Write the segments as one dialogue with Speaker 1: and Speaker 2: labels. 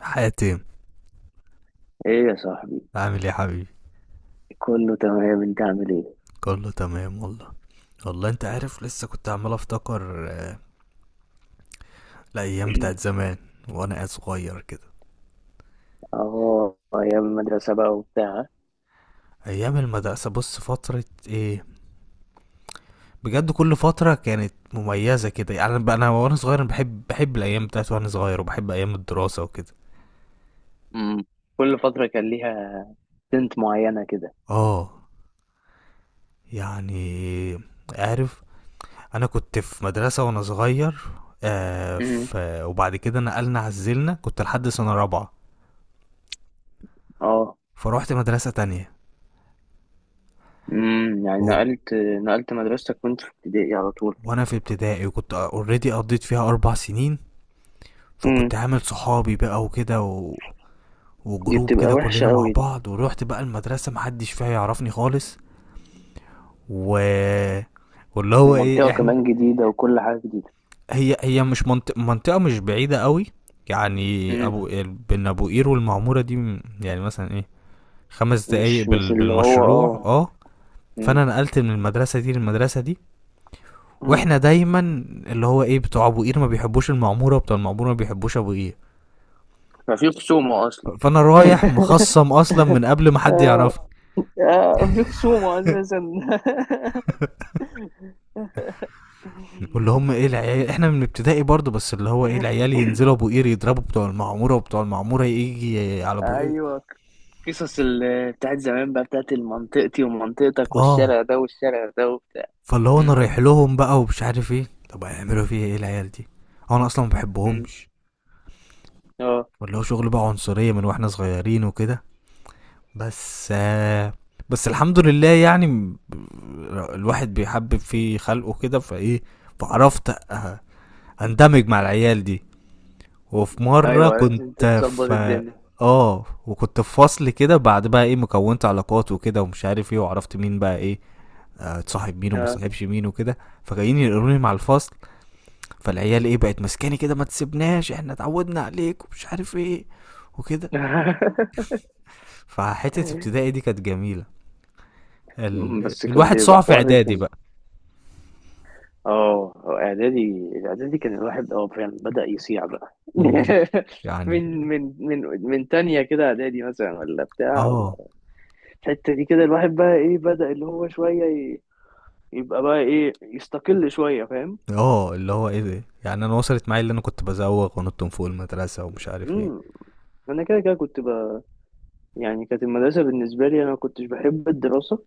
Speaker 1: حاتم،
Speaker 2: ايه يا صاحبي.
Speaker 1: عامل ايه يا حبيبي؟
Speaker 2: كله تمام، انت عامل ايه؟
Speaker 1: كله تمام والله. والله انت عارف لسه كنت عمال افتكر الايام بتاعت زمان وانا صغير كده.
Speaker 2: اه، ايام المدرسه بقى وبتاع.
Speaker 1: ايام المدرسه بص فتره ايه، بجد كل فتره كانت مميزه كده. يعني انا وانا صغير، أنا بحب الايام بتاعت وانا صغير وبحب ايام الدراسه وكده.
Speaker 2: امم. كل فتره كان ليها سنت معينه كده.
Speaker 1: اه يعني عارف، انا كنت في مدرسه وانا صغير آه
Speaker 2: امم.
Speaker 1: ف... وبعد كده نقلنا عزلنا، كنت لحد سنه رابعه،
Speaker 2: اه.
Speaker 1: فروحت مدرسه تانية.
Speaker 2: امم. يعني
Speaker 1: وب-
Speaker 2: نقلت مدرستك وانت في ابتدائي على طول؟
Speaker 1: وانا في ابتدائي وكنت اوريدي قضيت فيها 4 سنين،
Speaker 2: امم.
Speaker 1: فكنت عامل صحابي بقى وكده
Speaker 2: دي
Speaker 1: وجروب
Speaker 2: بتبقى
Speaker 1: كده
Speaker 2: وحشه
Speaker 1: كلنا مع
Speaker 2: قوي دي،
Speaker 1: بعض. ورحت بقى المدرسة محدش فيها يعرفني خالص. و واللي هو ايه
Speaker 2: ومنطقه
Speaker 1: احنا،
Speaker 2: كمان جديده وكل حاجه جديده.
Speaker 1: هي مش منطقة مش بعيدة قوي. يعني
Speaker 2: امم.
Speaker 1: ابو، بين ابو قير والمعمورة دي يعني مثلا ايه، 5 دقايق
Speaker 2: مش اللي هو،
Speaker 1: بالمشروع
Speaker 2: اه.
Speaker 1: اه.
Speaker 2: امم.
Speaker 1: فانا نقلت من المدرسة دي للمدرسة دي.
Speaker 2: امم.
Speaker 1: واحنا دايما اللي هو ايه، بتوع ابو قير ما بيحبوش المعمورة، وبتوع المعمورة ما بيحبوش ابو قير.
Speaker 2: ففي خصومه اصلا.
Speaker 1: فانا رايح مخصم اصلا من قبل ما حد
Speaker 2: اه.
Speaker 1: يعرفني.
Speaker 2: آه، في خصومه اساسا.
Speaker 1: واللي هم ايه العيال، احنا من ابتدائي برضو، بس اللي هو ايه العيال ينزلوا ابو قير يضربوا بتوع المعموره، وبتوع المعموره يجي على ابو قير.
Speaker 2: ايوه، بتاعت زمان بقى، بتاعت منطقتي ومنطقتك
Speaker 1: اه،
Speaker 2: والشارع ده والشارع ده وبتاع.
Speaker 1: فاللي هو انا
Speaker 2: مم.
Speaker 1: رايح لهم بقى ومش عارف ايه، طب هيعملوا فيا ايه العيال دي؟ هو انا اصلا ما
Speaker 2: مم.
Speaker 1: بحبهمش.
Speaker 2: اه.
Speaker 1: واللي هو شغل بقى عنصريه من واحنا صغيرين وكده. بس آه، بس الحمد لله يعني الواحد بيحبب في خلقه كده فايه، فعرفت أ- اندمج مع العيال دي. وفي مرة
Speaker 2: ايوه، عرفت انت
Speaker 1: كنت
Speaker 2: تظبط
Speaker 1: في،
Speaker 2: الدنيا.
Speaker 1: اه، وكنت في فصل كده، بعد بقى ايه مكونت علاقات وكده ومش عارف ايه، وعرفت مين بقى ايه، اتصاحب مين وما
Speaker 2: اه.
Speaker 1: اتصاحبش مين وكده. فجايين يقروني مع الفصل، فالعيال ايه بقت ماسكاني كده، ما تسيبناش احنا اتعودنا عليك ومش عارف ايه وكده. فحتة ابتدائي دي كانت جميلة.
Speaker 2: مم، بس كان
Speaker 1: الواحد صاع
Speaker 2: بيبقى
Speaker 1: في
Speaker 2: حوار
Speaker 1: اعدادي
Speaker 2: رخم.
Speaker 1: بقى.
Speaker 2: اه. اعدادي اعدادي كان الواحد فعلا بدأ يصيع بقى.
Speaker 1: مم. يعني
Speaker 2: من تانية كده، اعدادي مثلا ولا بتاع،
Speaker 1: اه
Speaker 2: ولا الحتة دي كده، الواحد بقى ايه بدأ اللي هو شوية يبقى بقى ايه يستقل شوية، فاهم.
Speaker 1: اه، اللي هو ايه ده، يعني انا وصلت معايا اللي انا كنت بزوغ ونط من فوق المدرسة ومش عارف ايه.
Speaker 2: امم. انا كده كده يعني كانت المدرسه بالنسبه لي، انا ما كنتش بحب الدراسه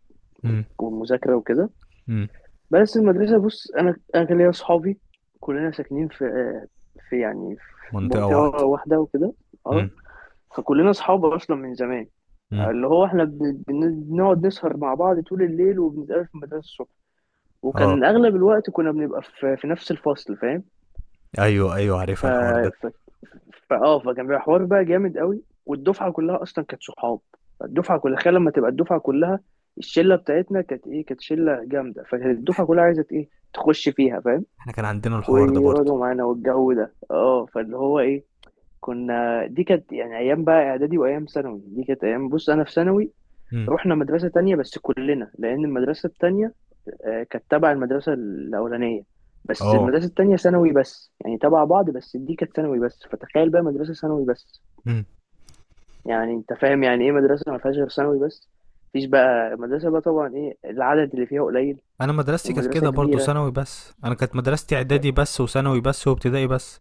Speaker 2: والمذاكره وكده.
Speaker 1: امم،
Speaker 2: بس المدرسه، بص، انا كان ليا اصحابي. كلنا ساكنين في، في، يعني، في
Speaker 1: منطقة
Speaker 2: منطقه
Speaker 1: واحدة.
Speaker 2: واحده وكده. اه.
Speaker 1: امم.
Speaker 2: فكلنا اصحاب اصلا من زمان،
Speaker 1: امم.
Speaker 2: اللي هو احنا بنقعد نسهر مع بعض طول الليل، وبنتقابل في المدرسه الصبح.
Speaker 1: اه.
Speaker 2: وكان اغلب الوقت كنا بنبقى في نفس الفصل، فاهم.
Speaker 1: ايوه ايوه
Speaker 2: ف
Speaker 1: عارفها الحوار ده.
Speaker 2: ف فاه فكان بيبقى حوار بقى جامد قوي، والدفعه كلها اصلا كانت صحاب. الدفعه كلها، تخيل لما تبقى الدفعه كلها، الشله بتاعتنا كانت ايه، كانت شله جامده، فكانت الدفعه كلها عايزه ايه تخش فيها، فاهم،
Speaker 1: احنا كان عندنا الحوار ده برضه.
Speaker 2: ويقعدوا معانا والجو ده. اه، فاللي هو ايه، كنا، دي كانت يعني ايام بقى اعدادي، وايام ثانوي دي كانت ايام. بص انا في ثانوي
Speaker 1: امم.
Speaker 2: رحنا مدرسه تانية، بس كلنا، لان المدرسه التانية آه، كانت تبع المدرسة الأولانية. بس
Speaker 1: اه.
Speaker 2: المدرسة التانية ثانوي بس، يعني تبع بعض، بس دي كانت ثانوي بس. فتخيل بقى مدرسة ثانوي بس.
Speaker 1: امم.
Speaker 2: يعني أنت فاهم يعني إيه مدرسة ما فيهاش غير ثانوي بس؟ مفيش بقى مدرسة، بقى طبعا إيه، العدد اللي فيها قليل،
Speaker 1: انا مدرستي كانت
Speaker 2: ومدرسة
Speaker 1: كده برضه
Speaker 2: كبيرة.
Speaker 1: ثانوي بس، انا كانت مدرستي
Speaker 2: ف-
Speaker 1: اعدادي بس وثانوي بس وابتدائي بس.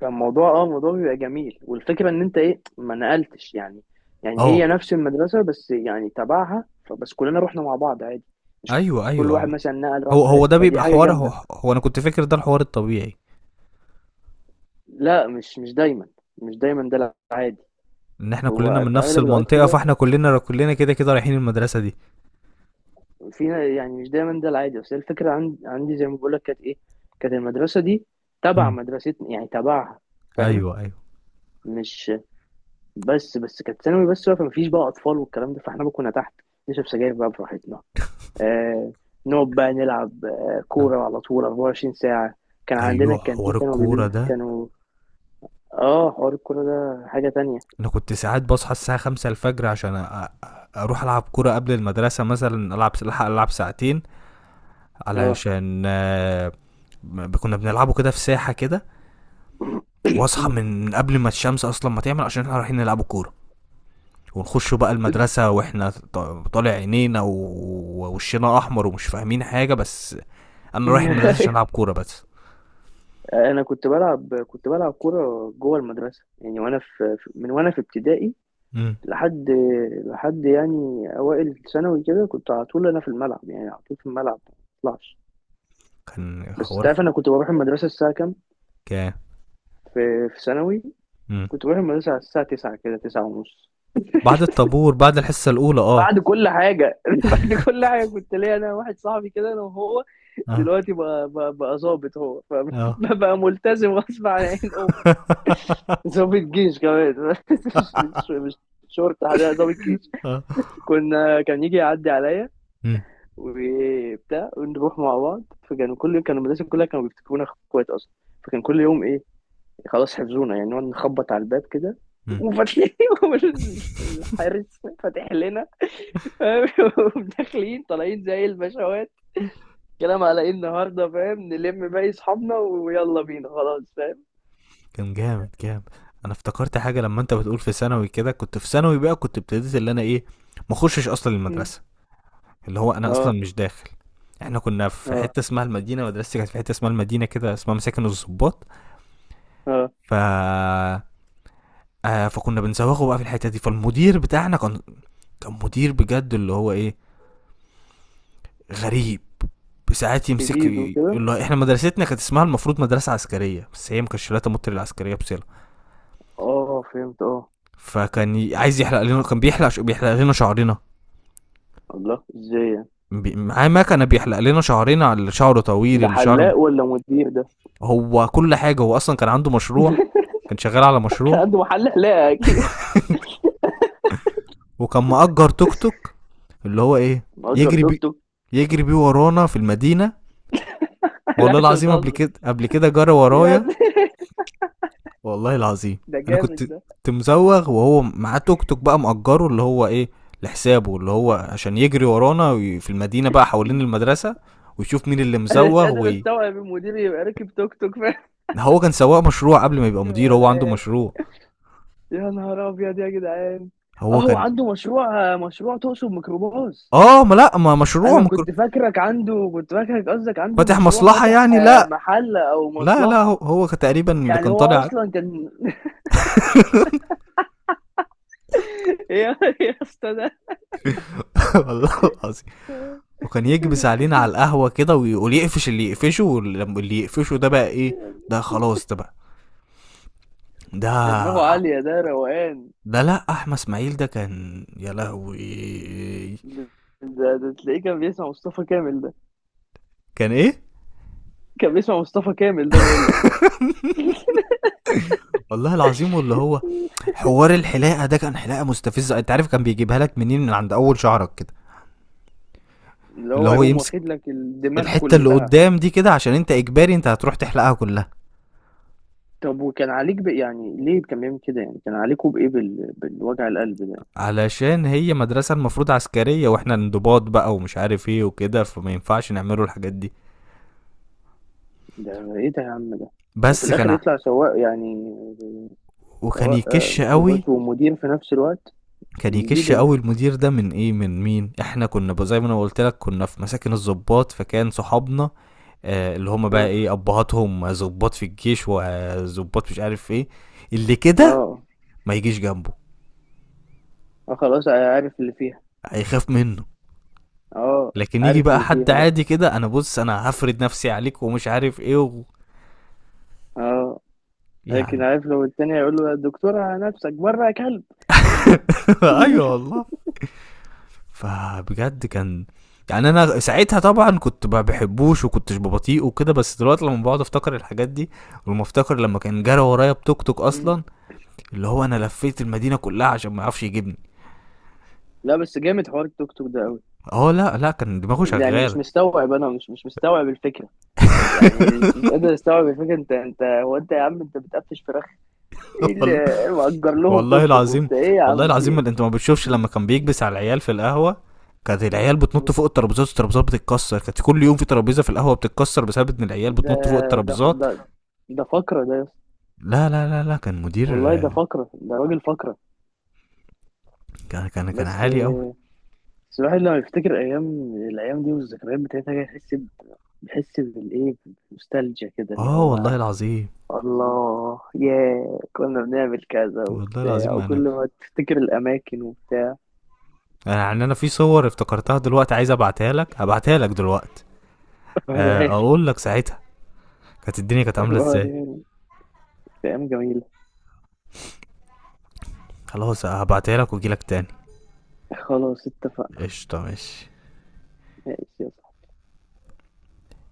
Speaker 2: فالموضوع، الموضوع بيبقى جميل. والفكرة إن أنت إيه، ما نقلتش، يعني هي
Speaker 1: اه.
Speaker 2: نفس المدرسة بس يعني تبعها، فبس كلنا رحنا مع بعض عادي. مش
Speaker 1: ايوه
Speaker 2: كل
Speaker 1: ايوه.
Speaker 2: واحد مثلا نقل راح،
Speaker 1: هو ده
Speaker 2: فدي
Speaker 1: بيبقى
Speaker 2: حاجة
Speaker 1: حوار، هو,
Speaker 2: جامدة.
Speaker 1: هو انا كنت فاكر ده الحوار الطبيعي،
Speaker 2: لا، مش دايما. مش دايما ده العادي.
Speaker 1: ان احنا كلنا
Speaker 2: هو
Speaker 1: من
Speaker 2: في
Speaker 1: نفس
Speaker 2: اغلب الوقت
Speaker 1: المنطقة،
Speaker 2: كده
Speaker 1: فاحنا كلنا كده كده رايحين المدرسة دي.
Speaker 2: فيها، يعني مش دايما ده العادي. بس هي الفكره، عندي زي ما بقول لك، كانت ايه، كانت المدرسه دي تبع
Speaker 1: امم.
Speaker 2: مدرستنا، يعني تبعها، فاهم،
Speaker 1: ايوه ايوه.
Speaker 2: مش، بس كانت ثانوي بس بقى، فمفيش بقى اطفال والكلام ده، فاحنا بقى كنا تحت نشرب سجاير بقى براحتنا. آه، نقعد بقى نلعب
Speaker 1: آه.
Speaker 2: كوره على طول 24 ساعه. كان عندنا
Speaker 1: ايوه
Speaker 2: الكانتين،
Speaker 1: حوار
Speaker 2: كانوا
Speaker 1: الكورة
Speaker 2: بيبي
Speaker 1: ده.
Speaker 2: كانوا. اه، حوار الكوره ده حاجه تانية.
Speaker 1: انا كنت ساعات بصحى الساعه 5 الفجر عشان أ- اروح العب كوره قبل المدرسه، مثلا العب، الحق العب ساعتين،
Speaker 2: اه.
Speaker 1: علشان كنا بنلعبه كده في ساحه كده. واصحى من قبل ما الشمس اصلا ما تعمل، عشان احنا رايحين نلعب كوره. ونخش بقى المدرسة واحنا طالع عينينا ووشنا احمر ومش فاهمين حاجة، بس انا رايح المدرسة عشان العب كورة بس.
Speaker 2: انا كنت بلعب كوره جوه المدرسه، يعني وانا من وانا في ابتدائي،
Speaker 1: امم.
Speaker 2: لحد لحد يعني اوائل ثانوي كده، كنت على طول انا في الملعب. يعني على طول في الملعب، ما بطلعش.
Speaker 1: كان
Speaker 2: بس انت
Speaker 1: حوار.
Speaker 2: عارف انا كنت بروح المدرسه الساعه كام
Speaker 1: كان.
Speaker 2: في ثانوي؟
Speaker 1: امم.
Speaker 2: كنت بروح المدرسه على الساعه 9 كده، 9 ونص،
Speaker 1: بعد الطابور بعد الحصة الاولى اه.
Speaker 2: بعد كل حاجه. بعد كل حاجه كنت ليا انا واحد صاحبي كده، انا وهو، دلوقتي بقى بقى ظابط هو،
Speaker 1: اه. اه.
Speaker 2: فبقى ملتزم غصب عن عين امه. ضابط جيش كمان. مش شرطة ده، ضابط جيش.
Speaker 1: اه.
Speaker 2: كنا، كان يجي يعدي عليا
Speaker 1: مم.
Speaker 2: وبتاع، ونروح مع بعض. فكانوا كل يوم كانوا، المدرسة كلها كانوا بيفتكرونا اخوات اصلا. فكان كل يوم ايه، خلاص حفظونا. يعني نقعد نخبط على الباب كده،
Speaker 1: مم.
Speaker 2: وفاتحين، الحارس فاتح لنا، فاهم؟ وداخلين طالعين زي البشوات، كلام على ايه النهارده، فاهم، نلم باقي اصحابنا ويلا بينا، خلاص، فاهم.
Speaker 1: كان جامد جامد. انا افتكرت حاجه لما انت بتقول في ثانوي كده، كنت في ثانوي بقى كنت ابتديت اللي انا ايه، ما اخشش اصلا
Speaker 2: م.
Speaker 1: المدرسه. اللي هو انا
Speaker 2: اه.
Speaker 1: اصلا مش داخل. احنا كنا في
Speaker 2: اه.
Speaker 1: حته اسمها المدينه، مدرستي كانت في حته اسمها المدينه كده، اسمها مساكن الضباط.
Speaker 2: اه،
Speaker 1: ف فكنا بنزوغه بقى في الحته دي. فالمدير بتاعنا كان، كان مدير بجد اللي هو ايه، غريب. بساعات يمسك
Speaker 2: جديد
Speaker 1: اللي
Speaker 2: وكده.
Speaker 1: هو احنا مدرستنا كانت اسمها المفروض مدرسه عسكريه، بس هي ما كانتش لا تمت للعسكريه بس.
Speaker 2: اه، فهمت، اه.
Speaker 1: فكان عايز يحلق لنا، كان بيحلق بيحلق لنا شعرنا.
Speaker 2: الله، ازاي يعني؟
Speaker 1: معاه مكنه بيحلق لنا شعرنا، على اللي شعره طويل
Speaker 2: ده
Speaker 1: اللي شعره.
Speaker 2: حلاق ولا مدير ده؟
Speaker 1: هو كل حاجه، هو اصلا كان عنده مشروع، كان شغال على
Speaker 2: كان
Speaker 1: مشروع.
Speaker 2: عنده محل حلاقة اكيد.
Speaker 1: وكان مأجر توك توك، اللي هو ايه،
Speaker 2: مأجر
Speaker 1: يجري
Speaker 2: توك
Speaker 1: بي
Speaker 2: توك!
Speaker 1: يجري بيه ورانا في المدينه. والله
Speaker 2: لا، انت
Speaker 1: العظيم قبل
Speaker 2: بتهزر.
Speaker 1: كده، قبل كده جرى
Speaker 2: يا
Speaker 1: ورايا،
Speaker 2: دي.
Speaker 1: والله العظيم.
Speaker 2: ده
Speaker 1: انا كنت
Speaker 2: جامد ده.
Speaker 1: كنت مزوغ وهو معاه توك توك بقى مأجره، اللي هو ايه، لحسابه، اللي هو عشان يجري ورانا في المدينه بقى حوالين المدرسه، ويشوف مين اللي
Speaker 2: انا مش
Speaker 1: مزوغ
Speaker 2: قادر استوعب المدير يبقى راكب توك توك. فاهم،
Speaker 1: هو كان سواق مشروع قبل ما يبقى
Speaker 2: يجري
Speaker 1: مدير،
Speaker 2: ورا
Speaker 1: هو عنده
Speaker 2: العيال؟
Speaker 1: مشروع.
Speaker 2: يا نهار ابيض يا جدعان. اه،
Speaker 1: هو
Speaker 2: هو
Speaker 1: كان،
Speaker 2: عنده مشروع. مشروع تقصد ميكروباص؟
Speaker 1: اه ما لا، ما مشروع
Speaker 2: انا كنت فاكرك عنده، كنت فاكرك قصدك عنده
Speaker 1: فاتح
Speaker 2: مشروع
Speaker 1: مصلحة
Speaker 2: فاتح،
Speaker 1: يعني.
Speaker 2: آه،
Speaker 1: لا
Speaker 2: محل او
Speaker 1: لا لا،
Speaker 2: مصلحة.
Speaker 1: هو كان تقريبا اللي
Speaker 2: يعني
Speaker 1: كان
Speaker 2: هو
Speaker 1: طالع.
Speaker 2: اصلا كان. يا يا اسطى ده.
Speaker 1: والله العظيم. وكان يكبس علينا على القهوة كده، ويقول يقفش اللي يقفشه، واللي يقفشه ده بقى ايه، ده خلاص ده بقى،
Speaker 2: ده دماغه
Speaker 1: ده،
Speaker 2: عالية، ده روقان.
Speaker 1: ده لا احمد اسماعيل ده، كان يا لهوي.
Speaker 2: ده, ده تلاقيه كان بيسمع مصطفى كامل ده.
Speaker 1: كان ايه،
Speaker 2: كان بيسمع مصطفى كامل ده، بقول لك.
Speaker 1: والله العظيم. واللي هو حوار الحلاقه ده، كان حلاقه مستفزه. انت عارف كان بيجيبها لك منين، من عند اول شعرك كده.
Speaker 2: اللي
Speaker 1: اللي
Speaker 2: هو
Speaker 1: هو
Speaker 2: يقوم
Speaker 1: يمسك
Speaker 2: واخد لك الدماغ
Speaker 1: الحته اللي
Speaker 2: كلها.
Speaker 1: قدام دي كده، عشان انت اجباري انت هتروح تحلقها كلها.
Speaker 2: طب وكان عليك يعني ليه كان بيعمل كده، يعني كان عليكوا بإيه، بالوجع القلب ده؟
Speaker 1: علشان هي مدرسه المفروض عسكريه، واحنا انضباط بقى ومش عارف ايه وكده، فما ينفعش نعمله الحاجات دي.
Speaker 2: ده إيه ده يا عم ده؟ وفي
Speaker 1: بس كان
Speaker 2: الآخر
Speaker 1: ع-
Speaker 2: يطلع سواق، يعني
Speaker 1: وكان
Speaker 2: سواق
Speaker 1: يكش قوي.
Speaker 2: ميكروباص ومدير في نفس الوقت.
Speaker 1: كان يكش
Speaker 2: الجديدة دي.
Speaker 1: قوي المدير ده من ايه، من مين؟ احنا كنا زي ما انا قلت لك، كنا في مساكن الضباط، فكان صحابنا آه اللي هم بقى
Speaker 2: اه.
Speaker 1: ايه ابهاتهم ضباط في الجيش وضباط مش عارف ايه، اللي كده
Speaker 2: اه.
Speaker 1: ما يجيش جنبه،
Speaker 2: آه، خلاص. آه، عارف اللي فيها.
Speaker 1: هيخاف منه.
Speaker 2: اه،
Speaker 1: لكن يجي
Speaker 2: عارف
Speaker 1: بقى
Speaker 2: اللي
Speaker 1: حد
Speaker 2: فيها بقى.
Speaker 1: عادي كده، انا بص انا هفرد نفسي عليك ومش عارف ايه
Speaker 2: اه، لكن
Speaker 1: يعني.
Speaker 2: عارف، لو التاني هيقول له: يا دكتورة نفسك بره يا كلب.
Speaker 1: ايوه والله. فبجد كان يعني، انا ساعتها طبعا كنت ما بحبوش وكنتش ببطيء وكده، بس دلوقتي لما بقعد افتكر الحاجات دي، ولما افتكر لما كان جرى ورايا بتوك توك
Speaker 2: مم.
Speaker 1: اصلا، اللي هو انا لفيت المدينه كلها عشان ما يعرفش يجيبني.
Speaker 2: لا، بس جامد حوار التوك توك ده قوي.
Speaker 1: اه لا لا، كان دماغه
Speaker 2: يعني مش
Speaker 1: شغاله.
Speaker 2: مستوعب، انا مش مستوعب الفكره. يعني مش قادر استوعب الفكره. انت هو انت، يا عم انت بتقفش فراخ؟ ايه اللي
Speaker 1: والله.
Speaker 2: مأجر لهم
Speaker 1: والله
Speaker 2: توك توك
Speaker 1: العظيم،
Speaker 2: وبتاع، ايه يا
Speaker 1: والله
Speaker 2: عم، في
Speaker 1: العظيم ما
Speaker 2: ايه؟
Speaker 1: انت ما بتشوفش لما كان بيكبس على العيال في القهوة، كانت العيال
Speaker 2: مم.
Speaker 1: بتنط فوق الترابيزات والترابيزات بتتكسر. كانت كل يوم في ترابيزة في القهوة بتتكسر بسبب ان العيال
Speaker 2: ده
Speaker 1: بتنط فوق
Speaker 2: ده
Speaker 1: الترابيزات.
Speaker 2: ده ده فقره ده يا اسطى.
Speaker 1: لا لا لا لا، كان مدير.
Speaker 2: والله ده فقره، ده راجل فقره.
Speaker 1: كان
Speaker 2: بس
Speaker 1: عالي قوي.
Speaker 2: بس الواحد لما يفتكر ايام، الايام دي والذكريات بتاعتها كده، يحس بيحس بالايه، بنوستالجيا كده، اللي
Speaker 1: اه والله
Speaker 2: هو
Speaker 1: العظيم،
Speaker 2: الله ياه، كنا بنعمل كذا
Speaker 1: والله
Speaker 2: وبتاع،
Speaker 1: العظيم.
Speaker 2: وكل
Speaker 1: انا
Speaker 2: ما تفتكر الأماكن وبتاع.
Speaker 1: انا يعني، انا في صور افتكرتها دلوقتي عايز ابعتها لك، هبعتها لك دلوقتي،
Speaker 2: وريهالي.
Speaker 1: اقول لك ساعتها كانت الدنيا كانت عاملة
Speaker 2: ابقى
Speaker 1: ازاي.
Speaker 2: وريهالي. كانت أيام جميلة.
Speaker 1: خلاص هبعتها لك واجي لك تاني.
Speaker 2: خلاص، اتفقنا.
Speaker 1: قشطة ماشي.
Speaker 2: ماشي، يلا.